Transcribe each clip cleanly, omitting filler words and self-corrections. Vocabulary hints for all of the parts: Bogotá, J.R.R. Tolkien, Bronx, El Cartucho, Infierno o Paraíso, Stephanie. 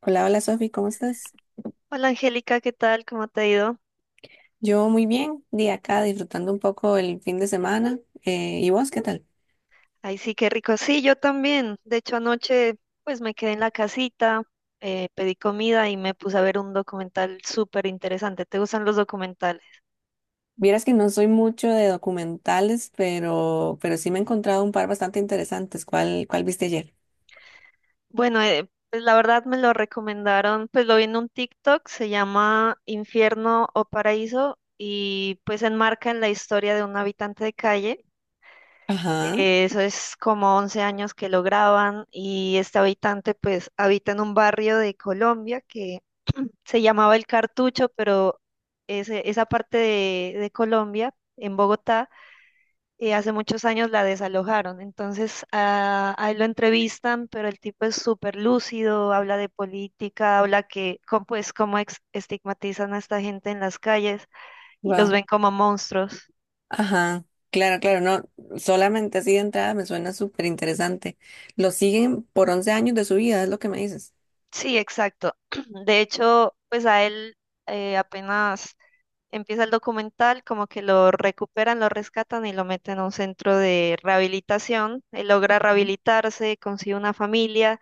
Hola, hola Sofi, ¿cómo estás? Hola Angélica, ¿qué tal? ¿Cómo te ha ido? Yo muy bien, de acá disfrutando un poco el fin de semana. ¿Y vos qué tal? Ay, sí, qué rico. Sí, yo también. De hecho, anoche pues me quedé en la casita, pedí comida y me puse a ver un documental súper interesante. ¿Te gustan los documentales? Vieras que no soy mucho de documentales, pero sí me he encontrado un par bastante interesantes. ¿Cuál viste ayer? Bueno, pues la verdad me lo recomendaron, pues lo vi en un TikTok, se llama Infierno o Paraíso y pues enmarca en la historia de un habitante de calle. Ajá, Eso es como 11 años que lo graban y este habitante pues habita en un barrio de Colombia que se llamaba El Cartucho, pero esa parte de Colombia, en Bogotá, hace muchos años la desalojaron. Entonces a él lo entrevistan, pero el tipo es súper lúcido, habla de política, habla que, cómo, pues, cómo estigmatizan a esta gente en las calles y los wow. ven como monstruos. Ajá, claro, claro, no, solamente así de entrada me suena súper interesante. Lo siguen por 11 años de su vida, es lo que me dices. Sí, exacto. De hecho, pues a él apenas empieza el documental, como que lo recuperan, lo rescatan y lo meten a un centro de rehabilitación. Él logra Ujú. rehabilitarse, consigue una familia.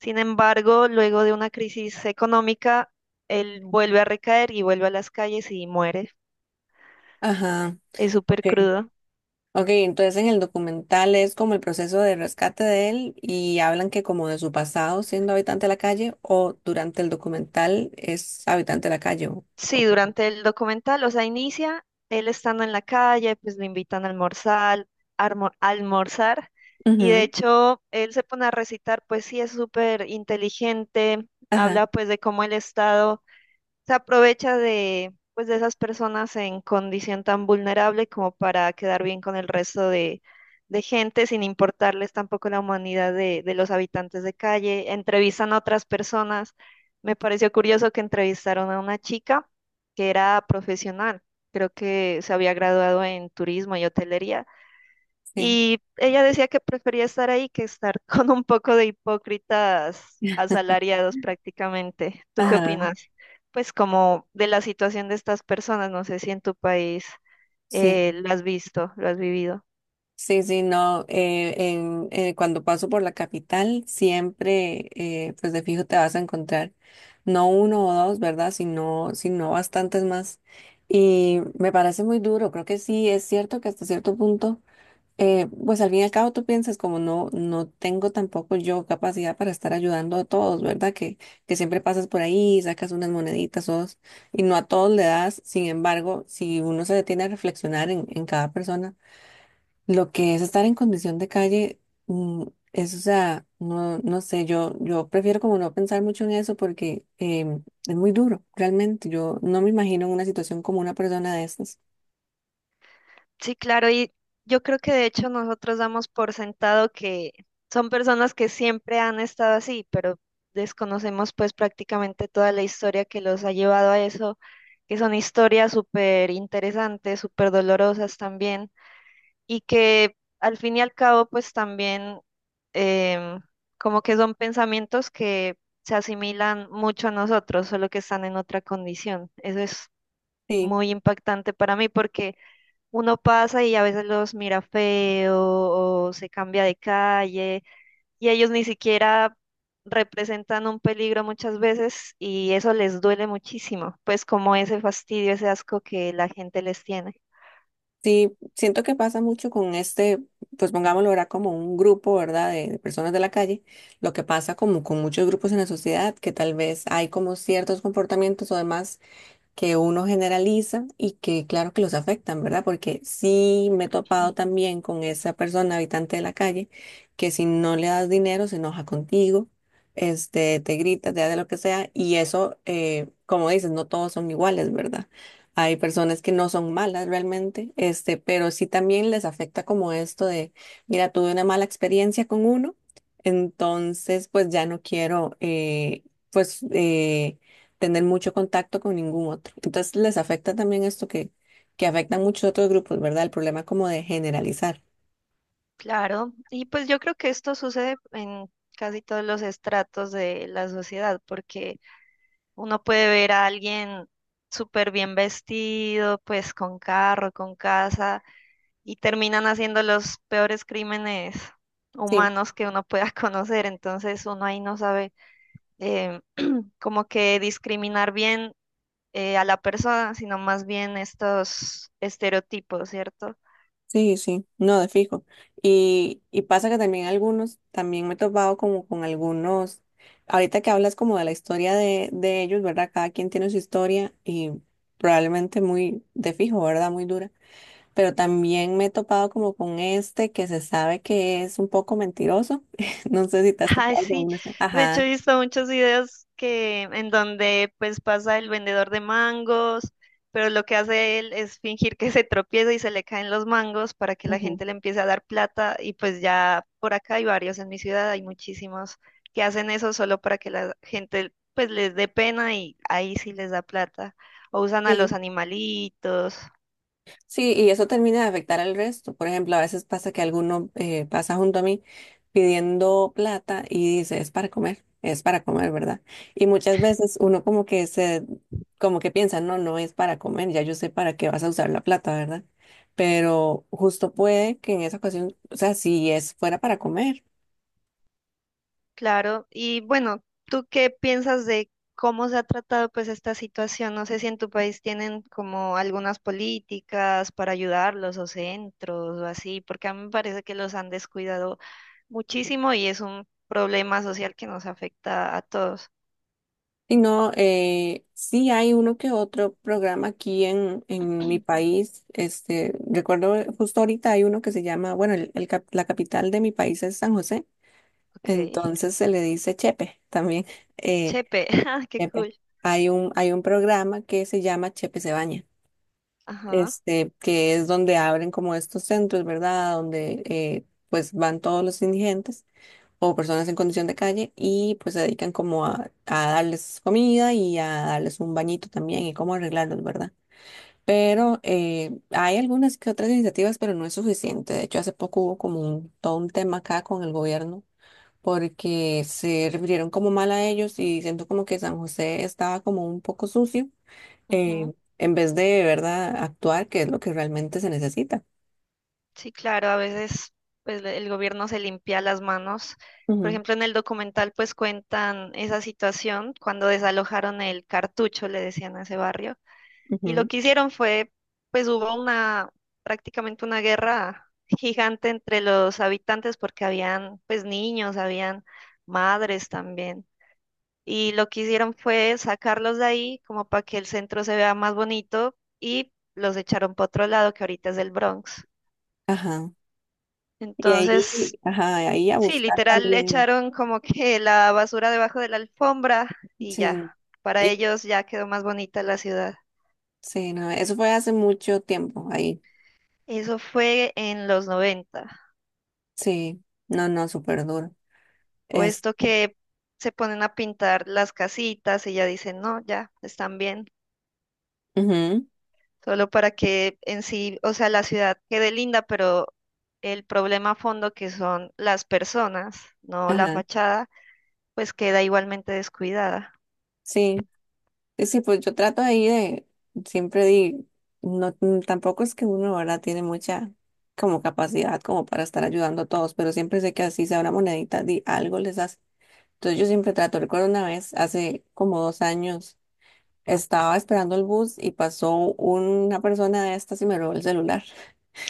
Sin embargo, luego de una crisis económica, él vuelve a recaer y vuelve a las calles y muere. Ajá, Es súper ok. crudo. Ok, entonces en el documental es como el proceso de rescate de él y hablan que como de su pasado siendo habitante de la calle o durante el documental es habitante de la calle. O Sí, cómo. durante el documental, o sea, inicia él estando en la calle, pues lo invitan a almorzar, almorzar, y de Ujú, hecho él se pone a recitar, pues sí es súper inteligente, ajá, habla pues de cómo el Estado se aprovecha de, pues, de esas personas en condición tan vulnerable como para quedar bien con el resto de gente, sin importarles tampoco la humanidad de los habitantes de calle. Entrevistan a otras personas. Me pareció curioso que entrevistaron a una chica que era profesional, creo que se había graduado en turismo y hotelería, sí. y ella decía que prefería estar ahí que estar con un poco de hipócritas asalariados prácticamente. ¿Tú qué Ajá, opinas? Pues como de la situación de estas personas, no sé si en tu país sí. Lo has visto, lo has vivido. Sí, sí, no. Cuando paso por la capital siempre, pues de fijo te vas a encontrar no uno o dos, ¿verdad? Sino bastantes más. Y me parece muy duro. Creo que sí, es cierto que hasta cierto punto. Pues al fin y al cabo tú piensas como no, no tengo tampoco yo capacidad para estar ayudando a todos, ¿verdad? Que siempre pasas por ahí, sacas unas moneditas o dos, y no a todos le das. Sin embargo, si uno se detiene a reflexionar en cada persona, lo que es estar en condición de calle, mm, es, o sea, no, no sé, yo prefiero como no pensar mucho en eso porque es muy duro, realmente. Yo no me imagino en una situación como una persona de estas. Sí, claro, y yo creo que de hecho nosotros damos por sentado que son personas que siempre han estado así, pero desconocemos pues prácticamente toda la historia que los ha llevado a eso, que son historias súper interesantes, súper dolorosas también. Y que al fin y al cabo pues también em, como que son pensamientos que se asimilan mucho a nosotros, solo que están en otra condición. Eso es Sí. muy impactante para mí porque uno pasa y a veces los mira feo o se cambia de calle y ellos ni siquiera representan un peligro muchas veces y eso les duele muchísimo, pues como ese fastidio, ese asco que la gente les tiene. Sí, siento que pasa mucho con este, pues pongámoslo ahora como un grupo, ¿verdad? De personas de la calle, lo que pasa como con muchos grupos en la sociedad, que tal vez hay como ciertos comportamientos o demás que uno generaliza y que claro que los afectan, ¿verdad? Porque sí me he topado también con esa persona, habitante de la calle, que si no le das dinero se enoja contigo, este, te grita, te hace lo que sea, y eso, como dices, no todos son iguales, ¿verdad? Hay personas que no son malas realmente, este, pero sí también les afecta como esto de, mira, tuve una mala experiencia con uno, entonces pues ya no quiero, pues, tener mucho contacto con ningún otro. Entonces les afecta también esto que afecta a muchos otros grupos, ¿verdad? El problema como de generalizar. Claro, y pues yo creo que esto sucede en casi todos los estratos de la sociedad, porque uno puede ver a alguien súper bien vestido, pues con carro, con casa, y terminan haciendo los peores crímenes Sí, humanos que uno pueda conocer, entonces uno ahí no sabe eh, como que discriminar bien a la persona, sino más bien estos estereotipos, ¿cierto? sí, sí, no, de fijo. Y pasa que también algunos, también me he topado como con algunos, ahorita que hablas como de la historia de ellos, ¿verdad? Cada quien tiene su historia y probablemente muy de fijo, ¿verdad? Muy dura. Pero también me he topado como con este que se sabe que es un poco mentiroso. No sé si te has Ay, topado con sí. uno. De hecho, he Ajá. visto muchos videos que en donde pues pasa el vendedor de mangos, pero lo que hace él es fingir que se tropieza y se le caen los mangos para que la Ujú. gente le empiece a dar plata y pues ya por acá hay varios en mi ciudad, hay muchísimos que hacen eso solo para que la gente pues les dé pena y ahí sí les da plata. O usan a los Sí. animalitos. Sí, y eso termina de afectar al resto. Por ejemplo, a veces pasa que alguno pasa junto a mí pidiendo plata y dice, es para comer, ¿verdad? Y muchas veces uno como como que piensa, no, no es para comer, ya yo sé para qué vas a usar la plata, ¿verdad? Pero justo puede que en esa ocasión, o sea, si es fuera para comer. Claro, y bueno, ¿tú qué piensas de cómo se ha tratado pues esta situación? No sé si en tu país tienen como algunas políticas para ayudarlos o centros o así, porque a mí me parece que los han descuidado muchísimo y es un problema social que nos afecta a todos. Y no, sí hay uno que otro programa aquí en mi país. Este, recuerdo justo ahorita hay uno que se llama, bueno, la capital de mi país es San José, Ok, entonces se le dice Chepe también. eh, chepe, ah, qué Chepe. cool. Hay un programa que se llama Chepe se baña, Ajá. este, que es donde abren como estos centros, ¿verdad? Donde pues van todos los indigentes o personas en condición de calle y pues se dedican como a darles comida y a darles un bañito también y cómo arreglarlos, ¿verdad? Pero hay algunas que otras iniciativas, pero no es suficiente. De hecho, hace poco hubo como un, todo un tema acá con el gobierno porque se refirieron como mal a ellos y siento como que San José estaba como un poco sucio, Ujú. eh, en vez de, ¿verdad?, actuar, que es lo que realmente se necesita. Sí, claro, a veces pues el gobierno se limpia las manos. Por Ujú, ejemplo, en el documental pues cuentan esa situación cuando desalojaron el Cartucho, le decían a ese barrio, y lo ujú. que hicieron fue pues hubo una prácticamente una guerra gigante entre los habitantes porque habían pues niños, habían madres también. Y lo que hicieron fue sacarlos de ahí como para que el centro se vea más bonito y los echaron para otro lado que ahorita es el Bronx. Ajá. Y Entonces, ahí, ajá, ahí a sí, buscar literal le también. echaron como que la basura debajo de la alfombra y ya, Sí. para Y, ellos ya quedó más bonita la ciudad. sí, no, eso fue hace mucho tiempo ahí. Eso fue en los 90. Sí, no, no, súper duro. O Es, esto que se ponen a pintar las casitas y ya dicen, no, ya, están bien, ujú, solo para que en sí, o sea, la ciudad quede linda, pero el problema a fondo que son las personas, no la ajá, fachada, pues queda igualmente descuidada. sí. Sí, sí, pues yo trato ahí de, siempre di, no, tampoco es que uno, ahora tiene mucha como capacidad como para estar ayudando a todos, pero siempre sé que así sea una monedita, di, algo les hace. Entonces yo siempre trato, recuerdo una vez, hace como 2 años, estaba esperando el bus y pasó una persona de estas y me robó el celular.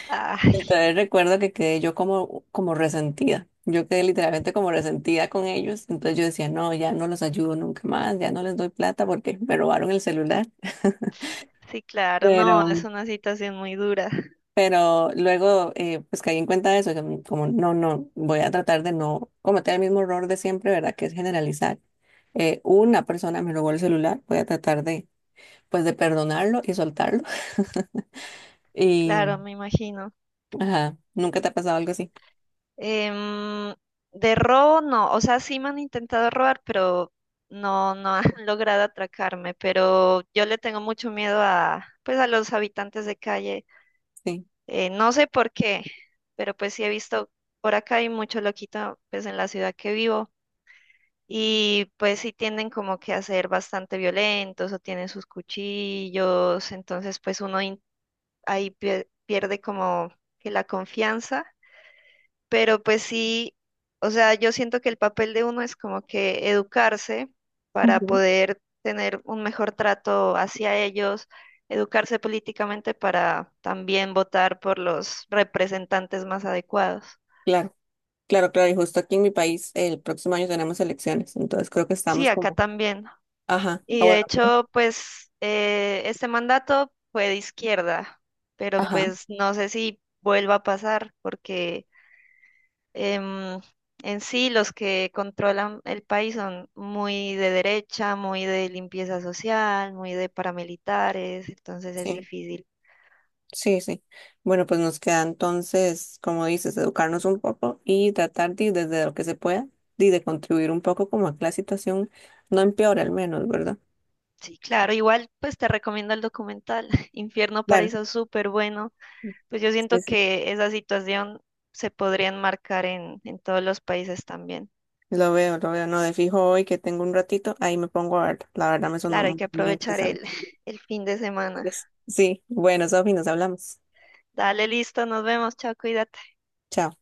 Ay, Entonces recuerdo que quedé yo como, como resentida. Yo quedé literalmente como resentida con ellos. Entonces yo decía, no, ya no los ayudo nunca más, ya no les doy plata porque me robaron el celular. sí, claro, no, Pero, es una situación muy dura. pero luego pues caí en cuenta de eso, que como no, no, voy a tratar de no cometer el mismo error de siempre, ¿verdad? Que es generalizar. Una persona me robó el celular, voy a tratar de, pues, de perdonarlo y soltarlo. Y, Claro, me imagino. ajá, ¿nunca te ha pasado algo así? Em, de robo, no. O sea, sí me han intentado robar, pero no, no han logrado atracarme. Pero yo le tengo mucho miedo a, pues, a los habitantes de calle. Sí. No sé por qué, pero pues sí he visto, por acá hay mucho loquito, pues, en la ciudad que vivo. Y pues sí tienden como que a ser bastante violentos o tienen sus cuchillos. Entonces, pues ahí pierde como que la confianza. Pero pues sí, o sea, yo siento que el papel de uno es como que educarse para Ujú. poder tener un mejor trato hacia ellos, educarse políticamente para también votar por los representantes más adecuados. Claro. Claro, claro, y justo aquí en mi país el próximo año tenemos elecciones, entonces creo que Sí, estamos acá como, también. ajá, ah, Y de bueno, ok, hecho, pues este mandato fue de izquierda, pero ajá, pues no sé si vuelva a pasar porque em, en sí, los que controlan el país son muy de derecha, muy de limpieza social, muy de paramilitares, entonces es sí, difícil. sí, sí. Bueno, pues nos queda entonces, como dices, educarnos un poco y tratar de, desde lo que se pueda, de contribuir un poco como a que la situación no empeore al menos, ¿verdad? Sí, claro, igual pues te recomiendo el documental Infierno Claro, Paraíso, súper bueno. Pues yo siento sí, sí. que esa situación se podría enmarcar en todos los países también. Lo veo, no, de fijo hoy que tengo un ratito, ahí me pongo a ver, la verdad me Claro, hay sonó que muy aprovechar el, interesante. el fin de semana. Pues, sí, bueno, Sofi, nos hablamos. Dale, listo, nos vemos, chao, cuídate. Chao.